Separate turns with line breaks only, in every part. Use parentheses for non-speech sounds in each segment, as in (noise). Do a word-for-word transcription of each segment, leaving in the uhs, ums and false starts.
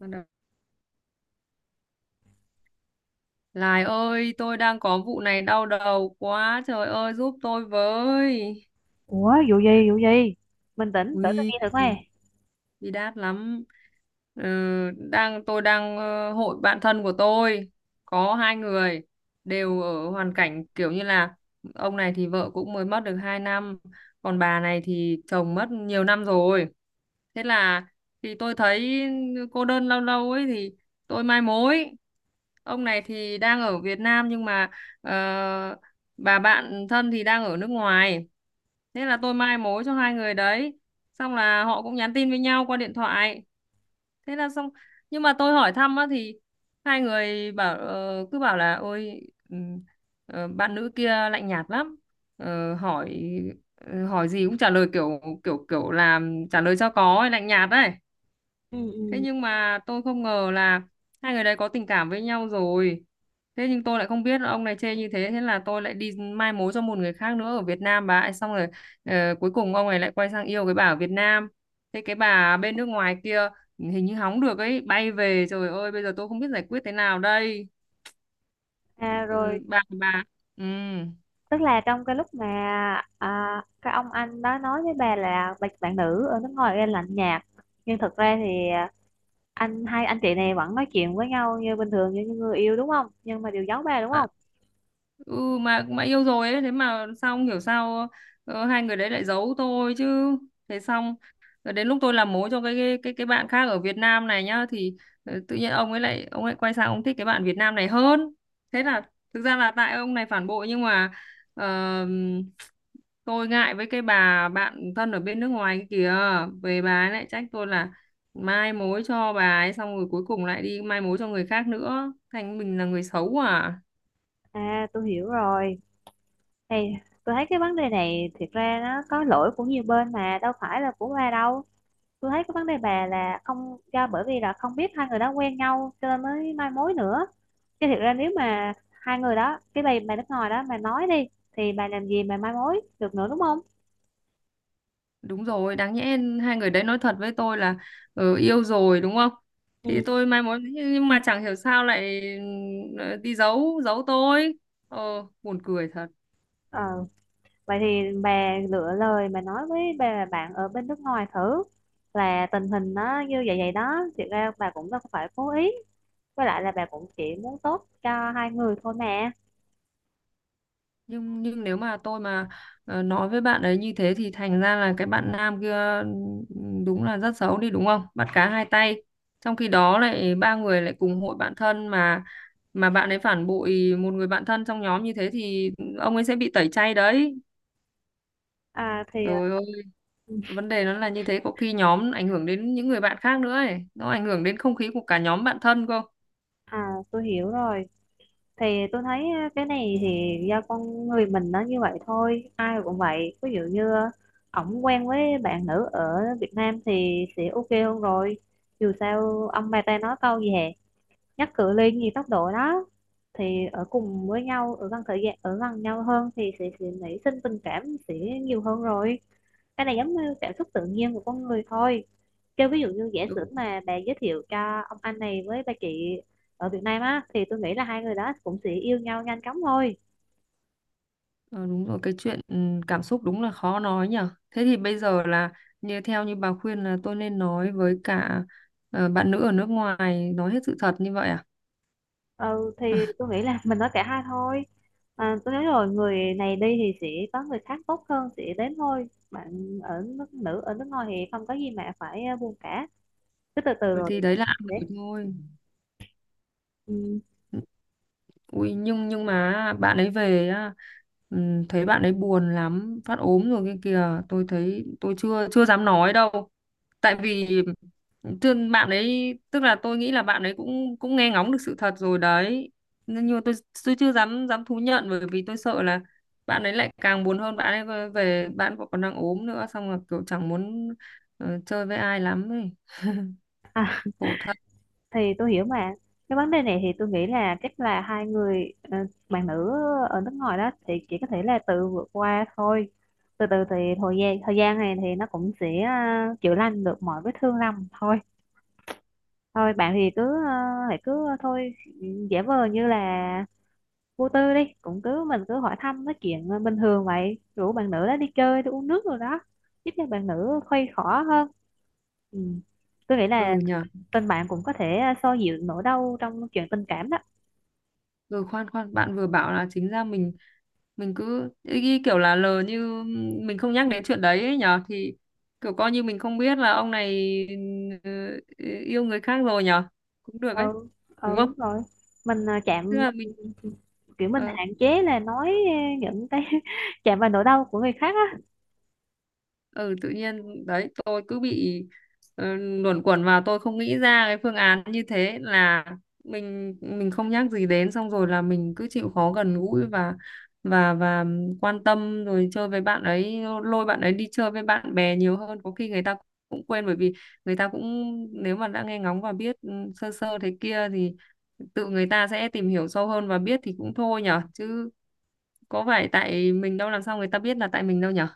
Bắt đầu. Lài ơi, tôi đang có vụ này đau đầu quá, trời ơi giúp tôi với.
Ủa, vụ gì vụ gì? Bình tĩnh để tôi
Ui,
nghe thử coi.
bi đát lắm. Ừ, đang tôi đang ờ, hội bạn thân của tôi có hai người đều ở hoàn cảnh kiểu như là ông này thì vợ cũng mới mất được hai năm, còn bà này thì chồng mất nhiều năm rồi. Thế là thì tôi thấy cô đơn lâu lâu ấy thì tôi mai mối. Ông này thì đang ở Việt Nam, nhưng mà ờ, bà bạn thân thì đang ở nước ngoài. Thế là tôi mai mối cho hai người đấy, xong là họ cũng nhắn tin với nhau qua điện thoại, thế là xong. Nhưng mà tôi hỏi thăm á thì hai người bảo ờ, cứ bảo là ôi, ừm, ờ, bạn nữ kia lạnh nhạt lắm. Ờ, hỏi ờ, hỏi gì cũng trả lời kiểu kiểu kiểu là trả lời cho có, lạnh nhạt đấy.
Ừ,
Thế
ừ.
nhưng mà tôi không ngờ là hai người đấy có tình cảm với nhau rồi. Thế nhưng tôi lại không biết ông này chê như thế, thế là tôi lại đi mai mối cho một người khác nữa ở Việt Nam bà ấy xong rồi. Ờ, cuối cùng ông này lại quay sang yêu cái bà ở Việt Nam. Thế cái bà bên nước ngoài kia hình như hóng được ấy, bay về, trời ơi bây giờ tôi không biết giải quyết thế nào đây.
À rồi,
Ừ, bà bà ừ.
tức là trong cái lúc mà à, cái ông anh đó nói với bà là bạn, bạn nữ ở nước ngoài ra lạnh nhạt, nhưng thực ra thì à, anh hai anh chị này vẫn nói chuyện với nhau như bình thường như những người yêu đúng không, nhưng mà đều giấu bà đúng
Ạ.
không?
Ừ mà mà yêu rồi ấy, thế mà sao không hiểu sao, ờ, hai người đấy lại giấu tôi chứ. Thế xong rồi đến lúc tôi làm mối cho cái cái cái, cái bạn khác ở Việt Nam này nhá thì ờ, tự nhiên ông ấy lại ông ấy quay sang ông thích cái bạn Việt Nam này hơn. Thế là thực ra là tại ông này phản bội, nhưng mà ờ, tôi ngại với cái bà bạn thân ở bên nước ngoài kia kìa. Về bà ấy lại trách tôi là mai mối cho bà ấy xong rồi cuối cùng lại đi mai mối cho người khác nữa, thành mình là người xấu à.
À, tôi hiểu rồi. Hey, tôi thấy cái vấn đề này thiệt ra nó có lỗi của nhiều bên mà đâu phải là của bà đâu. Tôi thấy cái vấn đề bà là không, do bởi vì là không biết hai người đó quen nhau cho nên mới mai mối nữa, chứ thiệt ra nếu mà hai người đó, cái bà bà nước ngoài đó mà nói đi thì bà làm gì mà mai mối được nữa đúng không?
Đúng rồi, đáng nhẽ hai người đấy nói thật với tôi là ừ, yêu rồi đúng không? Thì
Ừ.
tôi mai mối, nhưng mà chẳng hiểu sao lại ừ, đi giấu giấu tôi. Ờ buồn cười thật.
Ờ, vậy thì bà lựa lời mà nói với bà bạn ở bên nước ngoài thử, là tình hình nó như vậy vậy đó, thiệt ra bà cũng đâu có phải cố ý, với lại là bà cũng chỉ muốn tốt cho hai người thôi mà.
Nhưng nhưng nếu mà tôi mà ờ, nói với bạn ấy như thế thì thành ra là cái bạn nam kia ừ, đúng là rất xấu đi đúng không? Bắt cá hai tay. Trong khi đó lại ba người lại cùng hội bạn thân mà mà bạn ấy phản bội một người bạn thân trong nhóm như thế thì ông ấy sẽ bị tẩy chay đấy.
À thì
Trời ơi, vấn đề nó là như thế, có khi nhóm ảnh hưởng đến những người bạn khác nữa ấy, nó ảnh hưởng đến không khí của cả nhóm bạn thân cơ.
à, tôi hiểu rồi. Thì tôi thấy á, cái này thì do con người mình nó như vậy thôi, ai cũng vậy, ví dụ như ổng quen với bạn nữ ở Việt Nam thì sẽ ok hơn rồi. Dù sao ông bà ta nói câu gì hè, nhắc cự ly gì tốc độ đó, thì ở cùng với nhau, ở gần, thời gian ở gần nhau hơn thì sẽ sẽ nảy sinh tình cảm, sẽ nhiều hơn rồi. Cái này giống như cảm xúc tự nhiên của con người thôi. Kêu ví dụ như giả sử
Đúng,
mà bà giới thiệu cho ông anh này với bà chị ở Việt Nam á thì tôi nghĩ là hai người đó cũng sẽ yêu nhau nhanh chóng thôi.
ờ, đúng rồi, cái chuyện ừ, cảm xúc đúng là khó nói nhở. Thế thì bây giờ là như theo như bà khuyên là tôi nên nói với cả ờ, bạn nữ ở nước ngoài, nói hết sự thật như vậy à?
Ừ, thì tôi nghĩ là mình nói cả hai thôi. À, tôi nói rồi, người này đi thì sẽ có người khác tốt hơn sẽ đến thôi, bạn ở nước, nữ ở nước ngoài thì không có gì mà phải ờ, buồn cả, cứ từ từ
Ừ,
rồi.
thì đấy là ăn
Đấy.
của thôi.
Ừ.
Ui, nhưng nhưng mà bạn ấy về á, ừm, thấy bạn ấy buồn lắm, phát ốm rồi kia kìa, tôi thấy tôi chưa chưa dám nói đâu. Tại vì thương bạn ấy, tức là tôi nghĩ là bạn ấy cũng cũng nghe ngóng được sự thật rồi đấy, nhưng nhưng mà tôi tôi chưa dám dám thú nhận bởi vì tôi sợ là bạn ấy lại càng buồn hơn. Bạn ấy về về- bạn cũng còn đang ốm nữa, xong rồi kiểu chẳng muốn ờ, chơi với ai lắm ấy, khổ thật.
Thì tôi hiểu mà, cái vấn đề này thì tôi nghĩ là chắc là hai người ờ, bạn nữ ở nước ngoài đó thì chỉ có thể là tự vượt qua thôi. Từ từ thì thời gian thời gian này thì nó cũng sẽ ờ, chữa lành được mọi vết thương lầm thôi. Thôi bạn thì cứ ờ, hãy cứ ờ, thôi, giả vờ như là vô tư đi, cũng cứ mình cứ hỏi thăm nói chuyện ờ, bình thường vậy, rủ bạn nữ đó đi chơi đi uống nước rồi đó, giúp cho bạn nữ khuây khỏa hơn. Ừ. Tôi nghĩ là
Ừ nhở.
tình bạn cũng có thể à, xoa dịu nỗi đau trong chuyện tình cảm đó.
Ừ, khoan khoan, bạn vừa bảo là chính ra mình mình cứ ý, ý kiểu là lờ như mình không nhắc đến chuyện đấy ấy nhở, thì kiểu coi như mình không biết là ông này ừ, ừ, yêu người khác rồi nhờ, cũng được ấy
Ừ,
đúng không.
ừ rồi mình à,
Tức
chạm,
là mình
kiểu mình
ờ
hạn chế là nói à, những cái (laughs) chạm vào nỗi đau của người khác á.
ừ, tự nhiên đấy tôi cứ bị ờ, luẩn quẩn vào, tôi không nghĩ ra cái phương án như thế, là mình mình không nhắc gì đến, xong rồi là mình cứ chịu khó gần gũi và và và quan tâm rồi chơi với bạn ấy, lôi bạn ấy đi chơi với bạn bè nhiều hơn, có khi người ta cũng quên, bởi vì người ta cũng nếu mà đã nghe ngóng và biết ừ, sơ sơ thế kia thì tự người ta sẽ tìm hiểu sâu hơn và biết thì cũng thôi nhở, chứ có phải tại mình đâu, làm sao người ta biết là tại mình đâu nhở.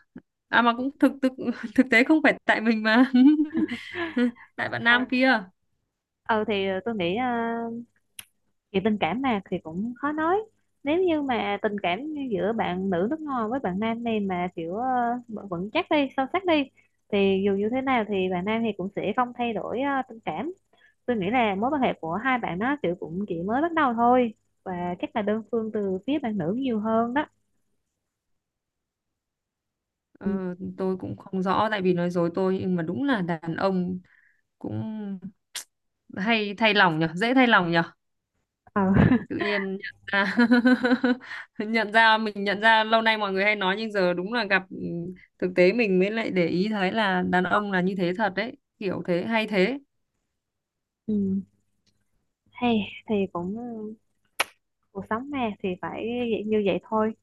À mà cũng thực thực (laughs) thực tế không phải tại mình mà (laughs) tại bạn
Ừ.
nam kia.
Ừ thì tôi nghĩ à, chuyện tình cảm mà thì cũng khó nói. Nếu như mà tình cảm giữa bạn nữ nước ngoài với bạn nam này mà kiểu à, vẫn vững chắc đi, sâu sắc đi, thì dù như thế nào thì bạn nam thì cũng sẽ không thay đổi à, tình cảm. Tôi nghĩ là mối quan hệ của hai bạn nó kiểu cũng chỉ mới bắt đầu thôi, và chắc là đơn phương từ phía bạn nữ nhiều hơn đó. Ừ.
ờ, tôi cũng không rõ tại vì nói dối tôi, nhưng mà đúng là đàn ông cũng hay thay lòng nhở, dễ thay lòng nhở.
Ờ.
Tự nhiên nhận ra (laughs) nhận ra mình nhận ra lâu nay mọi người hay nói, nhưng giờ đúng là gặp ừ, thực tế mình mới lại để ý thấy là đàn ông là như thế thật đấy, kiểu thế hay thế.
(laughs) Ừ. Hay thì cũng cuộc sống mà thì phải như vậy thôi.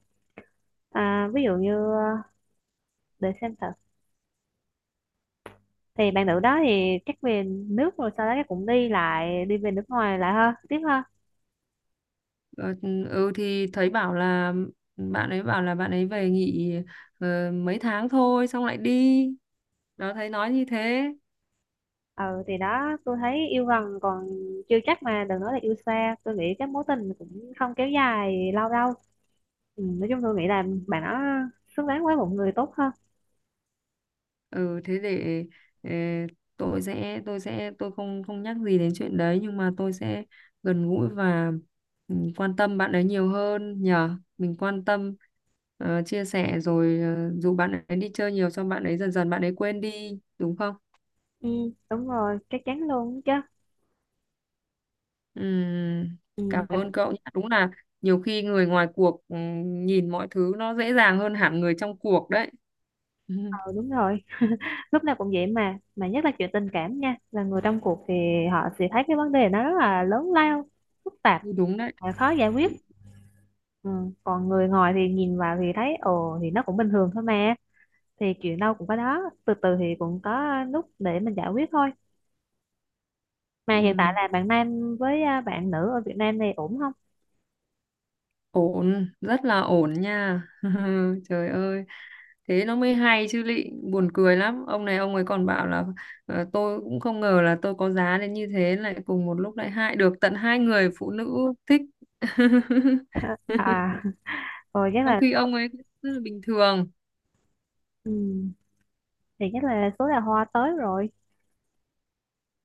à, Ví dụ như ờ, để xem thử thì bạn nữ đó thì chắc về nước, rồi sau đó chắc cũng đi lại, đi về nước ngoài lại ha, tiếp ha.
Ờ, ừ thì thấy bảo là bạn ấy bảo là bạn ấy về nghỉ ờ, mấy tháng thôi xong lại đi, đó thấy nói như thế.
Ừ thì đó, tôi thấy yêu gần còn chưa chắc mà đừng nói là yêu xa, tôi nghĩ cái mối tình cũng không kéo dài lâu đâu. Ừ, nói chung tôi nghĩ là bạn nó xứng đáng với một người tốt hơn.
Ừ thế để ờ, tôi sẽ tôi sẽ tôi không không nhắc gì đến chuyện đấy, nhưng mà tôi sẽ gần gũi và ừ, quan tâm bạn ấy nhiều hơn nhờ, mình quan tâm ờ, chia sẻ rồi ờ, dù bạn ấy đi chơi nhiều, xong bạn ấy dần dần bạn ấy quên đi đúng không.
Ừ, đúng rồi, chắc chắn luôn đó chứ.
Ừm,
Ừ,
cảm
tại
ơn cậu nhé. Đúng là nhiều khi người ngoài cuộc ừm, nhìn mọi thứ nó dễ dàng hơn hẳn người trong cuộc đấy. (laughs)
ờ, đúng rồi. Lúc nào cũng vậy mà, mà nhất là chuyện tình cảm nha, là người trong cuộc thì họ sẽ thấy cái vấn đề nó rất là lớn lao, phức tạp,
Ừm, đúng đấy.
và khó giải quyết. Ừ, còn người ngoài thì nhìn vào thì thấy ồ thì nó cũng bình thường thôi mà, thì chuyện đâu cũng có đó, từ từ thì cũng có lúc để mình giải quyết thôi. Mà hiện tại
Ừm,
là bạn nam với à, bạn nữ ở Việt Nam này ổn không?
ổn, rất là ổn nha. (laughs) Trời ơi, thế nó mới hay chứ lị, buồn cười lắm. Ông này ông ấy còn bảo là ờ, tôi cũng không ngờ là tôi có giá đến như thế, lại cùng một lúc lại hại được tận hai người phụ nữ thích. (laughs)
À, (laughs) rồi chắc
Trong
là
khi ông ấy rất là bình thường.
ừ, thì chắc là số đào hoa tới rồi.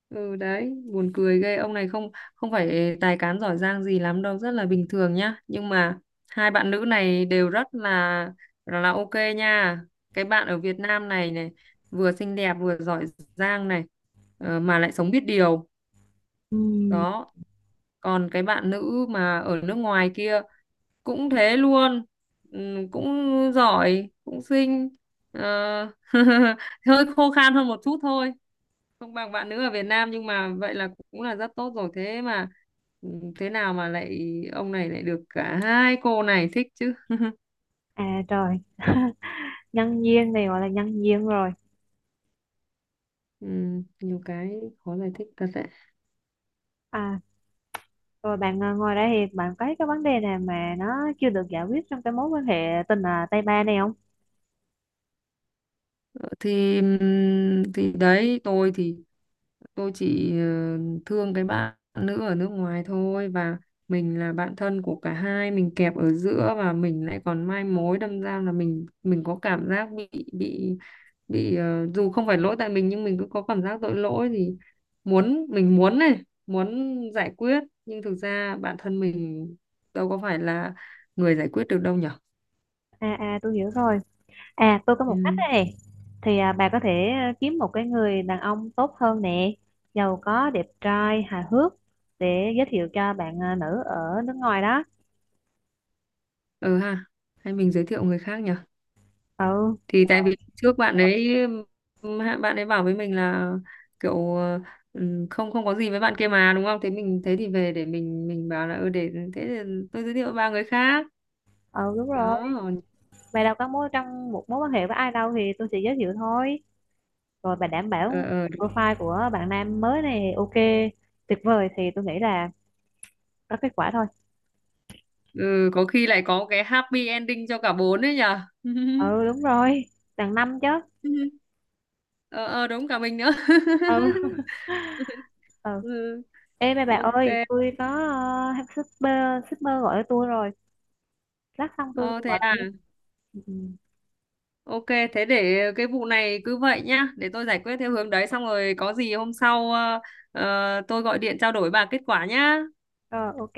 Ừ đấy buồn cười ghê, ông này không không phải tài cán giỏi giang gì lắm đâu, rất là bình thường nhá, nhưng mà hai bạn nữ này đều rất là là, ok nha. Cái bạn ở Việt Nam này này vừa xinh đẹp vừa giỏi giang này, ờ, mà lại sống biết điều
Ừ,
đó. Còn cái bạn nữ mà ở nước ngoài kia cũng thế luôn, ừm, cũng giỏi cũng xinh. Ờ, (laughs) hơi khô khan hơn một chút thôi, không bằng bạn nữ ở Việt Nam, nhưng mà vậy là cũng là rất tốt rồi. Thế mà ừ, thế nào mà lại ông này lại được cả hai cô này thích chứ.
à trời. (laughs) Nhân duyên thì gọi là nhân duyên rồi.
Ừ, nhiều cái khó giải thích thật đấy.
À rồi bạn ờ, ngồi đây thì bạn có thấy cái vấn đề nào mà nó chưa được giải quyết trong cái mối quan hệ tình à, tay ba này không?
Thì ừm, thì đấy tôi thì tôi chỉ ờ, thương cái bạn nữ ở nước ngoài thôi, và mình là bạn thân của cả hai, mình kẹp ở giữa và mình lại còn mai mối, đâm ra là mình mình có cảm giác bị bị bị ờ, dù không phải lỗi tại mình nhưng mình cứ có cảm giác tội lỗi, thì muốn mình muốn này muốn giải quyết, nhưng thực ra bản thân mình đâu có phải là người giải quyết được đâu nhở.
À à, tôi hiểu rồi. À tôi có một cách
Ừ.
đây này, thì à, bà có thể ờ, kiếm một cái người đàn ông tốt hơn nè, giàu có, đẹp trai, hài hước, để giới thiệu cho bạn ờ, nữ ở nước ngoài đó.
Ừ ha, hay mình giới thiệu người khác nhỉ.
Ừ.
Thì tại vì trước bạn ấy ừm, hạ- bạn ấy bảo với mình là kiểu ờ, ừm, không không có gì với bạn kia mà đúng không, thế mình thế thì về để mình mình bảo là ừ để thế thì tôi giới thiệu ba người khác
Ừ đúng rồi,
đó.
bà đâu có mối trong một mối quan hệ với ai đâu thì tôi sẽ giới thiệu thôi. Rồi bà đảm
ờ,
bảo
ờ,
profile của bạn nam mới này ok, tuyệt vời, thì tôi nghĩ là có kết quả thôi.
ừ, có khi lại có cái happy ending cho cả bốn đấy nhở. (laughs)
Ừ đúng rồi, đằng năm chứ.
ờ, ờ đúng cả mình nữa.
Ừ.
(laughs)
(laughs) Ừ.
ừ,
Ê bà bà
ok.
ơi tôi có uh, shipper shipper gọi cho tôi rồi, lát xong tôi
ờ, Thế
gọi lại
à.
nha. Ừ. Ừ.
Ok, thế để cái vụ này cứ vậy nhá, để tôi giải quyết theo hướng đấy, xong rồi có gì hôm sau ờ, ờ, tôi gọi điện trao đổi bà kết quả nhá.
Rồi, ok.